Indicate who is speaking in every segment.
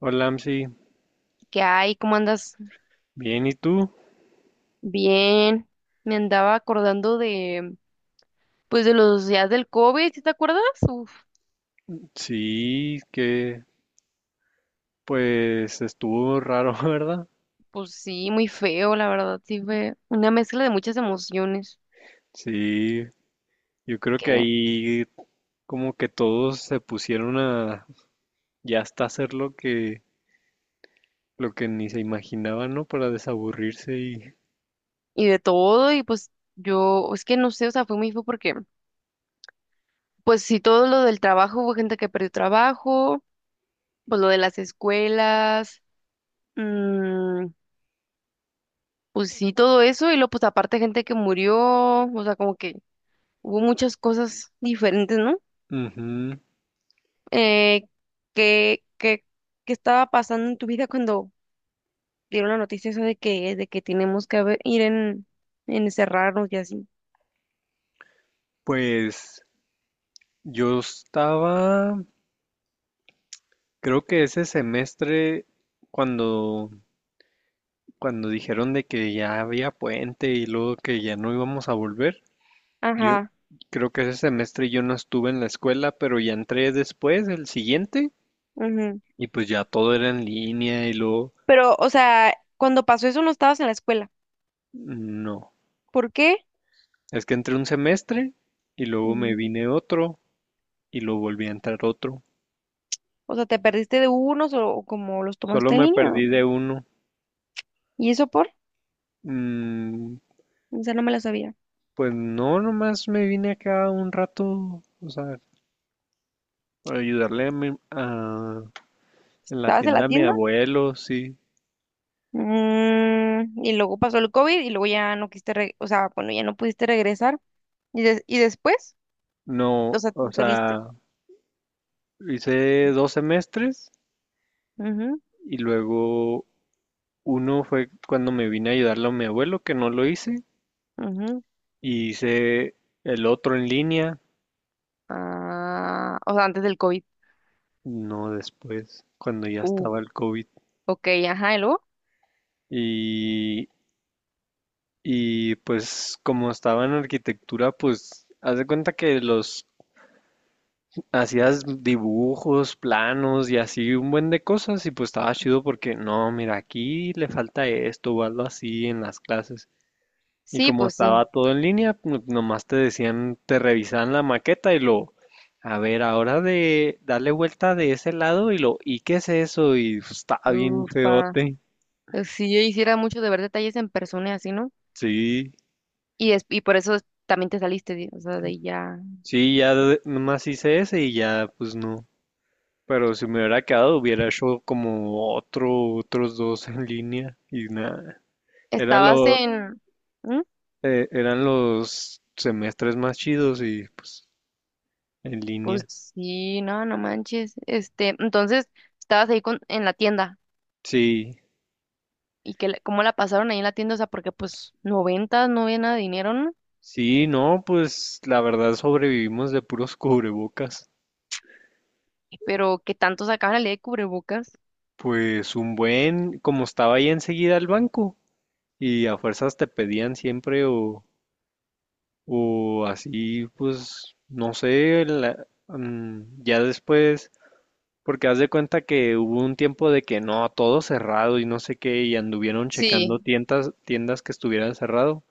Speaker 1: Hola, Amsi.
Speaker 2: ¿Qué hay? ¿Cómo andas?
Speaker 1: Bien, ¿y tú?
Speaker 2: Bien. Me andaba acordando pues de los días del COVID, ¿sí te acuerdas? Uf,
Speaker 1: Sí, que pues estuvo raro, ¿verdad?
Speaker 2: pues sí, muy feo, la verdad, sí fue una mezcla de muchas emociones
Speaker 1: Sí, yo creo que
Speaker 2: que,
Speaker 1: ahí como que todos se pusieron a ya hasta hacer lo que ni se imaginaban, ¿no? Para desaburrirse y.
Speaker 2: y de todo, y pues yo, es que no sé, o sea, fue muy feo porque, pues sí, todo lo del trabajo, hubo gente que perdió trabajo, pues lo de las escuelas, mm, pues sí, todo eso, y luego pues aparte gente que murió, o sea, como que hubo muchas cosas diferentes, ¿no?
Speaker 1: Ujú.
Speaker 2: eh, ¿qué, qué, qué estaba pasando en tu vida cuando dieron la noticia esa de que tenemos que ir en encerrarnos y así?
Speaker 1: Pues yo estaba, creo que ese semestre cuando cuando dijeron de que ya había puente y luego que ya no íbamos a volver. Yo
Speaker 2: Ajá,
Speaker 1: creo que ese semestre yo no estuve en la escuela, pero ya entré después, el siguiente,
Speaker 2: ujú.
Speaker 1: y pues ya todo era en línea y luego,
Speaker 2: Pero, o sea, cuando pasó eso no estabas en la escuela.
Speaker 1: no,
Speaker 2: ¿Por qué?
Speaker 1: es que entré un semestre y luego me
Speaker 2: Mm,
Speaker 1: vine otro y luego volví a entrar otro.
Speaker 2: O sea, ¿te perdiste de unos o como los
Speaker 1: Solo
Speaker 2: tomaste en
Speaker 1: me
Speaker 2: línea?
Speaker 1: perdí de uno.
Speaker 2: ¿Y eso por?
Speaker 1: Mm,
Speaker 2: O sea, no me la sabía.
Speaker 1: pues no, nomás me vine acá un rato, o sea, para ayudarle a en la
Speaker 2: ¿Estabas en la
Speaker 1: tienda a mi
Speaker 2: tienda?
Speaker 1: abuelo, sí.
Speaker 2: Y luego pasó el COVID y luego ya no quisiste, o sea, bueno, ya no pudiste regresar. ¿Y después? O
Speaker 1: No,
Speaker 2: sea,
Speaker 1: o
Speaker 2: te saliste.
Speaker 1: sea, hice dos semestres y luego uno fue cuando me vine a ayudarle a mi abuelo, que no lo hice,
Speaker 2: Ujú.
Speaker 1: y hice el otro en línea,
Speaker 2: Ah, o sea, antes del COVID.
Speaker 1: no después, cuando ya
Speaker 2: Uh,
Speaker 1: estaba el COVID.
Speaker 2: ok, ajá, ¿y luego?
Speaker 1: Y, y pues como estaba en arquitectura, pues haz de cuenta que los hacías dibujos, planos y así un buen de cosas y pues estaba chido porque no, mira, aquí le falta esto o algo así en las clases. Y
Speaker 2: Sí,
Speaker 1: como
Speaker 2: pues
Speaker 1: estaba
Speaker 2: sí.
Speaker 1: todo en línea, nomás te decían, te revisaban la maqueta y lo, a ver, ahora de darle vuelta de ese lado y lo, ¿y qué es eso? Y pues, estaba bien
Speaker 2: Ufa.
Speaker 1: feote.
Speaker 2: Si yo hiciera mucho de ver detalles en persona y así, ¿no?
Speaker 1: Sí,
Speaker 2: Y por eso también te saliste, o sea, de ahí ya.
Speaker 1: sí, nomás hice ese y ya, pues no. Pero si me hubiera quedado, hubiera hecho como otros dos en línea y nada. Era
Speaker 2: Estabas
Speaker 1: lo,
Speaker 2: en... ¿Mm?
Speaker 1: eran los semestres más chidos y pues en
Speaker 2: Pues
Speaker 1: línea.
Speaker 2: sí, no, no manches. Este, entonces, estabas ahí con, en la tienda.
Speaker 1: Sí.
Speaker 2: ¿Y que cómo la pasaron ahí en la tienda? O sea, porque pues noventas no había nada de dinero, ¿no?
Speaker 1: Sí, no, pues la verdad sobrevivimos de puros cubrebocas.
Speaker 2: ¿Pero qué tanto sacaban la ley de cubrebocas?
Speaker 1: Pues un buen, como estaba ahí enseguida el banco y a fuerzas te pedían siempre o así, pues no sé, ya después, porque haz de cuenta que hubo un tiempo de que no, todo cerrado y no sé qué y anduvieron
Speaker 2: Sí.
Speaker 1: checando tiendas, tiendas que estuvieran cerrado,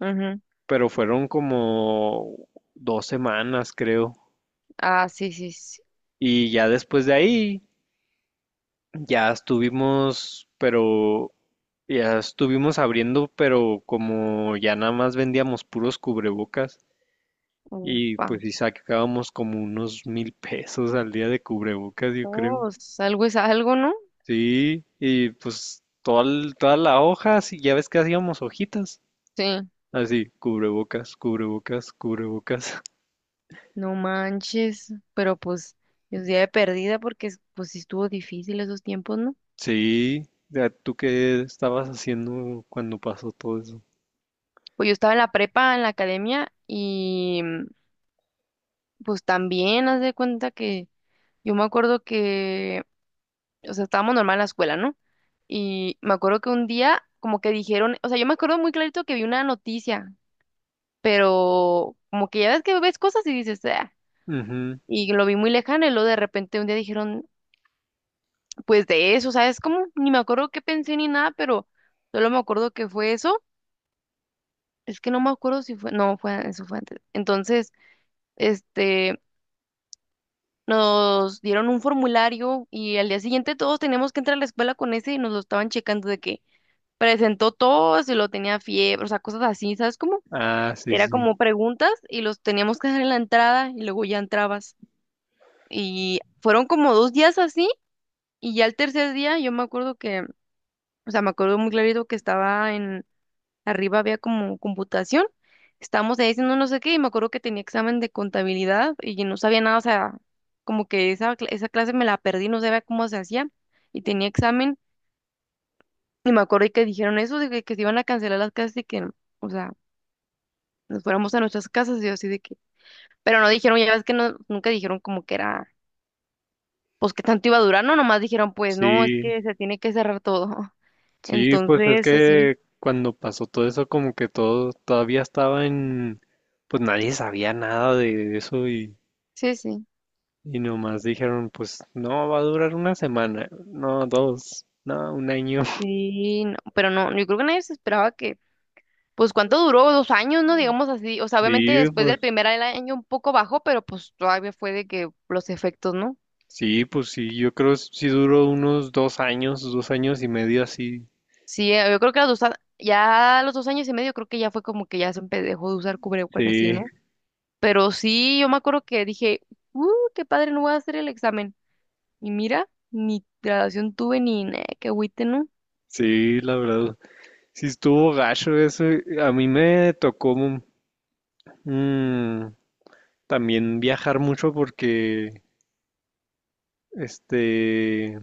Speaker 2: Ujú.
Speaker 1: pero fueron como 2 semanas creo
Speaker 2: Ah, sí, sí, sí.
Speaker 1: y ya después de ahí. Ya estuvimos, pero ya estuvimos abriendo, pero como ya nada más vendíamos puros cubrebocas y
Speaker 2: Ufa.
Speaker 1: pues sí sacábamos como unos 1,000 pesos al día de cubrebocas, yo creo.
Speaker 2: Oh, algo es algo, ¿no?
Speaker 1: Sí, y pues toda la hoja, sí, ya ves que hacíamos hojitas.
Speaker 2: Sí.
Speaker 1: Así, cubrebocas, cubrebocas, cubrebocas.
Speaker 2: No manches. Pero pues, es día de perdida porque pues sí estuvo difícil esos tiempos, ¿no?
Speaker 1: Sí, ya, ¿tú qué estabas haciendo cuando pasó todo eso?
Speaker 2: Pues yo estaba en la prepa, en la academia, y pues también haz de cuenta que yo me acuerdo que, o sea, estábamos normal en la escuela, ¿no? Y me acuerdo que un día como que dijeron, o sea, yo me acuerdo muy clarito que vi una noticia, pero como que ya ves que ves cosas y dices, ah,
Speaker 1: Ujú.
Speaker 2: y lo vi muy lejano y luego de repente un día dijeron, pues de eso, ¿sabes cómo? Ni me acuerdo qué pensé ni nada, pero solo me acuerdo que fue eso. Es que no me acuerdo si fue, no, fue, eso fue antes. Entonces, este, nos dieron un formulario y al día siguiente todos teníamos que entrar a la escuela con ese y nos lo estaban checando de que presentó todo, si lo tenía fiebre, o sea, cosas así, ¿sabes cómo?
Speaker 1: Ah, sí,
Speaker 2: Era
Speaker 1: sí.
Speaker 2: como preguntas y los teníamos que dejar en la entrada y luego ya entrabas. Y fueron como 2 días así y ya el tercer día yo me acuerdo que, o sea, me acuerdo muy clarito que estaba en. Arriba había como computación. Estábamos ahí haciendo no sé qué y me acuerdo que tenía examen de contabilidad y yo no sabía nada, o sea, como que esa clase me la perdí, no sabía cómo se hacía y tenía examen y me acuerdo que dijeron eso de que se iban a cancelar las clases y que, o sea, nos fuéramos a nuestras casas y yo así de que, pero no dijeron, ya ves que no, nunca dijeron como que era, pues que tanto iba a durar, no, nomás dijeron, pues no, es
Speaker 1: Sí,
Speaker 2: que se tiene que cerrar todo.
Speaker 1: Sí, pues es
Speaker 2: Entonces, así,
Speaker 1: que cuando pasó todo eso, como que todo todavía estaba en, pues nadie sabía nada de eso
Speaker 2: sí, sí.
Speaker 1: y nomás dijeron, pues no, va a durar una semana, no, dos, no, un año.
Speaker 2: Sí, no, pero no, yo creo que nadie se esperaba que. Pues cuánto duró, 2 años, ¿no? Digamos así. O sea, obviamente
Speaker 1: Sí,
Speaker 2: después del
Speaker 1: pues
Speaker 2: primer año un poco bajó, pero pues todavía fue de que los efectos, ¿no?
Speaker 1: sí, pues sí, yo creo sí duró unos 2 años, 2 años y medio así.
Speaker 2: Sí, yo creo que a los dos, a- ya a los 2 años y medio creo que ya fue como que ya dejó de usar cubrebocas y así,
Speaker 1: Sí,
Speaker 2: ¿no? Pero sí, yo me acuerdo que dije, uh, qué padre, no voy a hacer el examen. Y mira, ni graduación tuve ni nada, qué agüite, ¿no?
Speaker 1: sí, la verdad, sí estuvo gacho eso. A mí me tocó mm, también viajar mucho porque, este...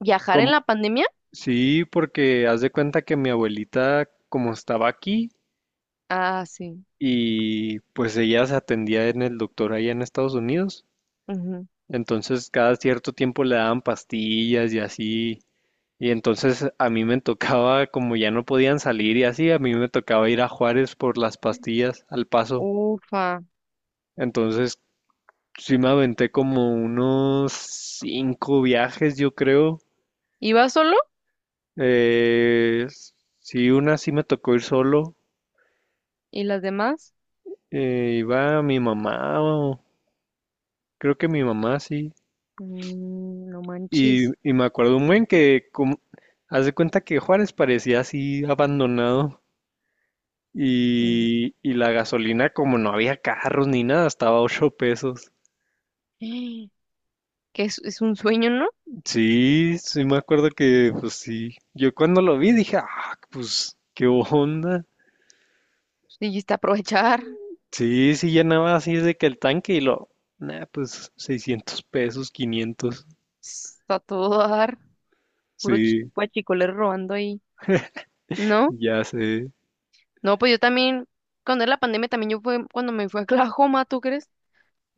Speaker 2: ¿Viajar en
Speaker 1: Como-
Speaker 2: la pandemia?
Speaker 1: sí, porque haz de cuenta que mi abuelita, como estaba aquí,
Speaker 2: Ah, sí.
Speaker 1: y pues ella se atendía en el doctor allá en Estados Unidos,
Speaker 2: Ujú.
Speaker 1: entonces cada cierto tiempo le daban pastillas y así, y entonces a mí me tocaba, como ya no podían salir y así, a mí me tocaba ir a Juárez por las pastillas al paso,
Speaker 2: Ufa.
Speaker 1: entonces sí me aventé como unos cinco viajes, yo creo,
Speaker 2: ¿Iba solo?
Speaker 1: eh, sí, una sí me tocó ir solo.
Speaker 2: ¿Y las demás?
Speaker 1: Iba mi mamá, creo que mi mamá sí.
Speaker 2: No
Speaker 1: Y,
Speaker 2: manches.
Speaker 1: y me acuerdo un buen que, como, haz de cuenta que Juárez parecía así abandonado.
Speaker 2: Mm.
Speaker 1: Y la gasolina, como no había carros ni nada, estaba a 8 pesos.
Speaker 2: Que es un sueño, ¿no?
Speaker 1: Sí, sí me acuerdo que, pues sí. Yo cuando lo vi dije, ah, pues, qué onda.
Speaker 2: Dijiste aprovechar,
Speaker 1: Sí, sí llenaba así de que el tanque y lo, nah, pues 600 pesos, 500.
Speaker 2: está todo dar, puro
Speaker 1: Sí,
Speaker 2: guachicolero robando ahí. No,
Speaker 1: ya sé.
Speaker 2: no, pues yo también, cuando era la pandemia, también yo fue cuando me fui a Oklahoma, ¿tú crees?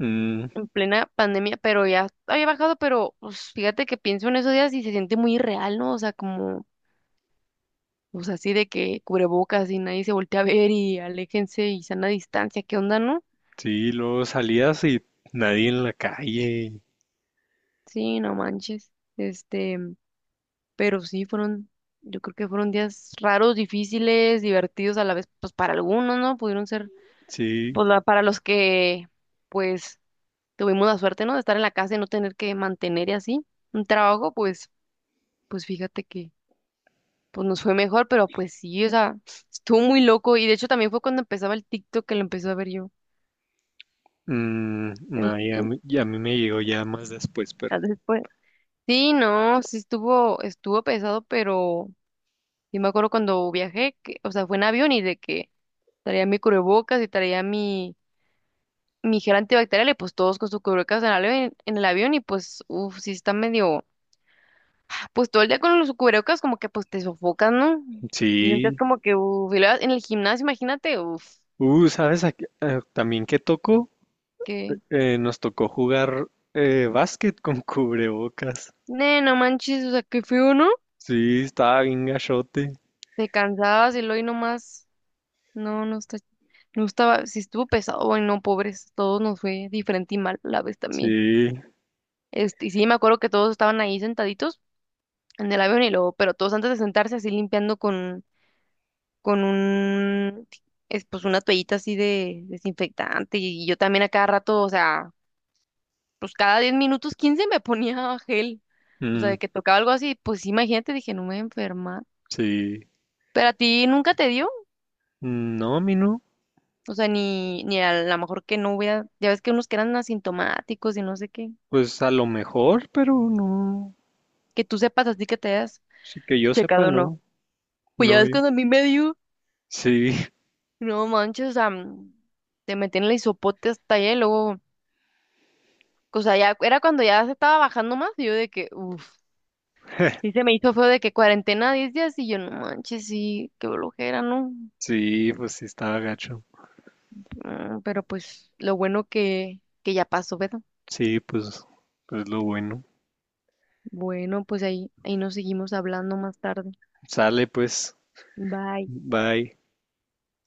Speaker 1: Mm.
Speaker 2: En plena pandemia, pero ya había bajado, pero pues, fíjate que pienso en esos días y se siente muy irreal, ¿no? O sea, como, pues así de que cubrebocas y nadie se voltea a ver y aléjense y sana distancia, ¿qué onda, no?
Speaker 1: Sí, luego salías y nadie en la calle.
Speaker 2: Sí, no manches. Este. Pero sí, fueron, yo creo que fueron días raros, difíciles, divertidos a la vez, pues para algunos, ¿no? Pudieron ser,
Speaker 1: Sí.
Speaker 2: pues para los que, pues, tuvimos la suerte, ¿no? De estar en la casa y no tener que mantener y así un trabajo, pues fíjate que, pues nos fue mejor, pero pues sí, o sea, estuvo muy loco y de hecho también fue cuando empezaba el TikTok que lo empecé a ver yo.
Speaker 1: Mm,
Speaker 2: en-
Speaker 1: no, ya,
Speaker 2: en-
Speaker 1: ya a mí me llegó ya más después, pero
Speaker 2: Después. Sí, no, sí estuvo pesado, pero sí me acuerdo cuando viajé, que, o sea, fue en avión y de que traía mi cubrebocas y traía mi gel antibacterial y pues todos con su cubrebocas en el avión y pues, uff, sí está medio, pues todo el día con los cubrebocas como que pues te sofocas, ¿no? Te sientes
Speaker 1: sí.
Speaker 2: como que, uff, y luego en el gimnasio, imagínate, uff,
Speaker 1: ¿Sabes? También qué tocó.
Speaker 2: que,
Speaker 1: Nos tocó jugar básquet con cubrebocas.
Speaker 2: ne, no manches, o sea, qué feo, ¿no?
Speaker 1: Sí, estaba bien gachote.
Speaker 2: Te cansabas y luego y nomás, no, no está, no estaba, sí estuvo pesado, bueno no, pobres, todos nos fue diferente y mal a la vez también.
Speaker 1: Sí,
Speaker 2: Este, y sí, me acuerdo que todos estaban ahí sentaditos en el avión y luego, pero todos antes de sentarse así limpiando con un, es, pues una toallita así de desinfectante y yo también a cada rato, o sea, pues cada 10 minutos, 15 me ponía gel, o sea, de
Speaker 1: mm,
Speaker 2: que tocaba algo así, pues sí, imagínate, dije, no me voy a enfermar.
Speaker 1: sí.
Speaker 2: Pero a ti nunca te dio,
Speaker 1: Mm, no, a mí no.
Speaker 2: o sea, ni a lo mejor que no hubiera, ya ves que unos que eran asintomáticos y no sé qué,
Speaker 1: Pues a lo mejor, pero no.
Speaker 2: que tú sepas así que te hayas
Speaker 1: Sí, que yo sepa,
Speaker 2: checado o no.
Speaker 1: no.
Speaker 2: Pues ya
Speaker 1: No,
Speaker 2: ves cuando a mí me dio,
Speaker 1: sí,
Speaker 2: no manches, o sea, te metí en el hisopote hasta allá y luego... O sea, ya era cuando ya se estaba bajando más y yo de que, uff. Sí, se me hizo feo de que cuarentena 10 días y yo no manches, sí, qué blojera, ¿no?
Speaker 1: sí, pues sí estaba gacho.
Speaker 2: Pero pues lo bueno que ya pasó, ¿verdad?
Speaker 1: Sí, pues es lo bueno.
Speaker 2: Bueno, pues ahí nos seguimos hablando más tarde.
Speaker 1: Sale pues,
Speaker 2: Bye.
Speaker 1: bye.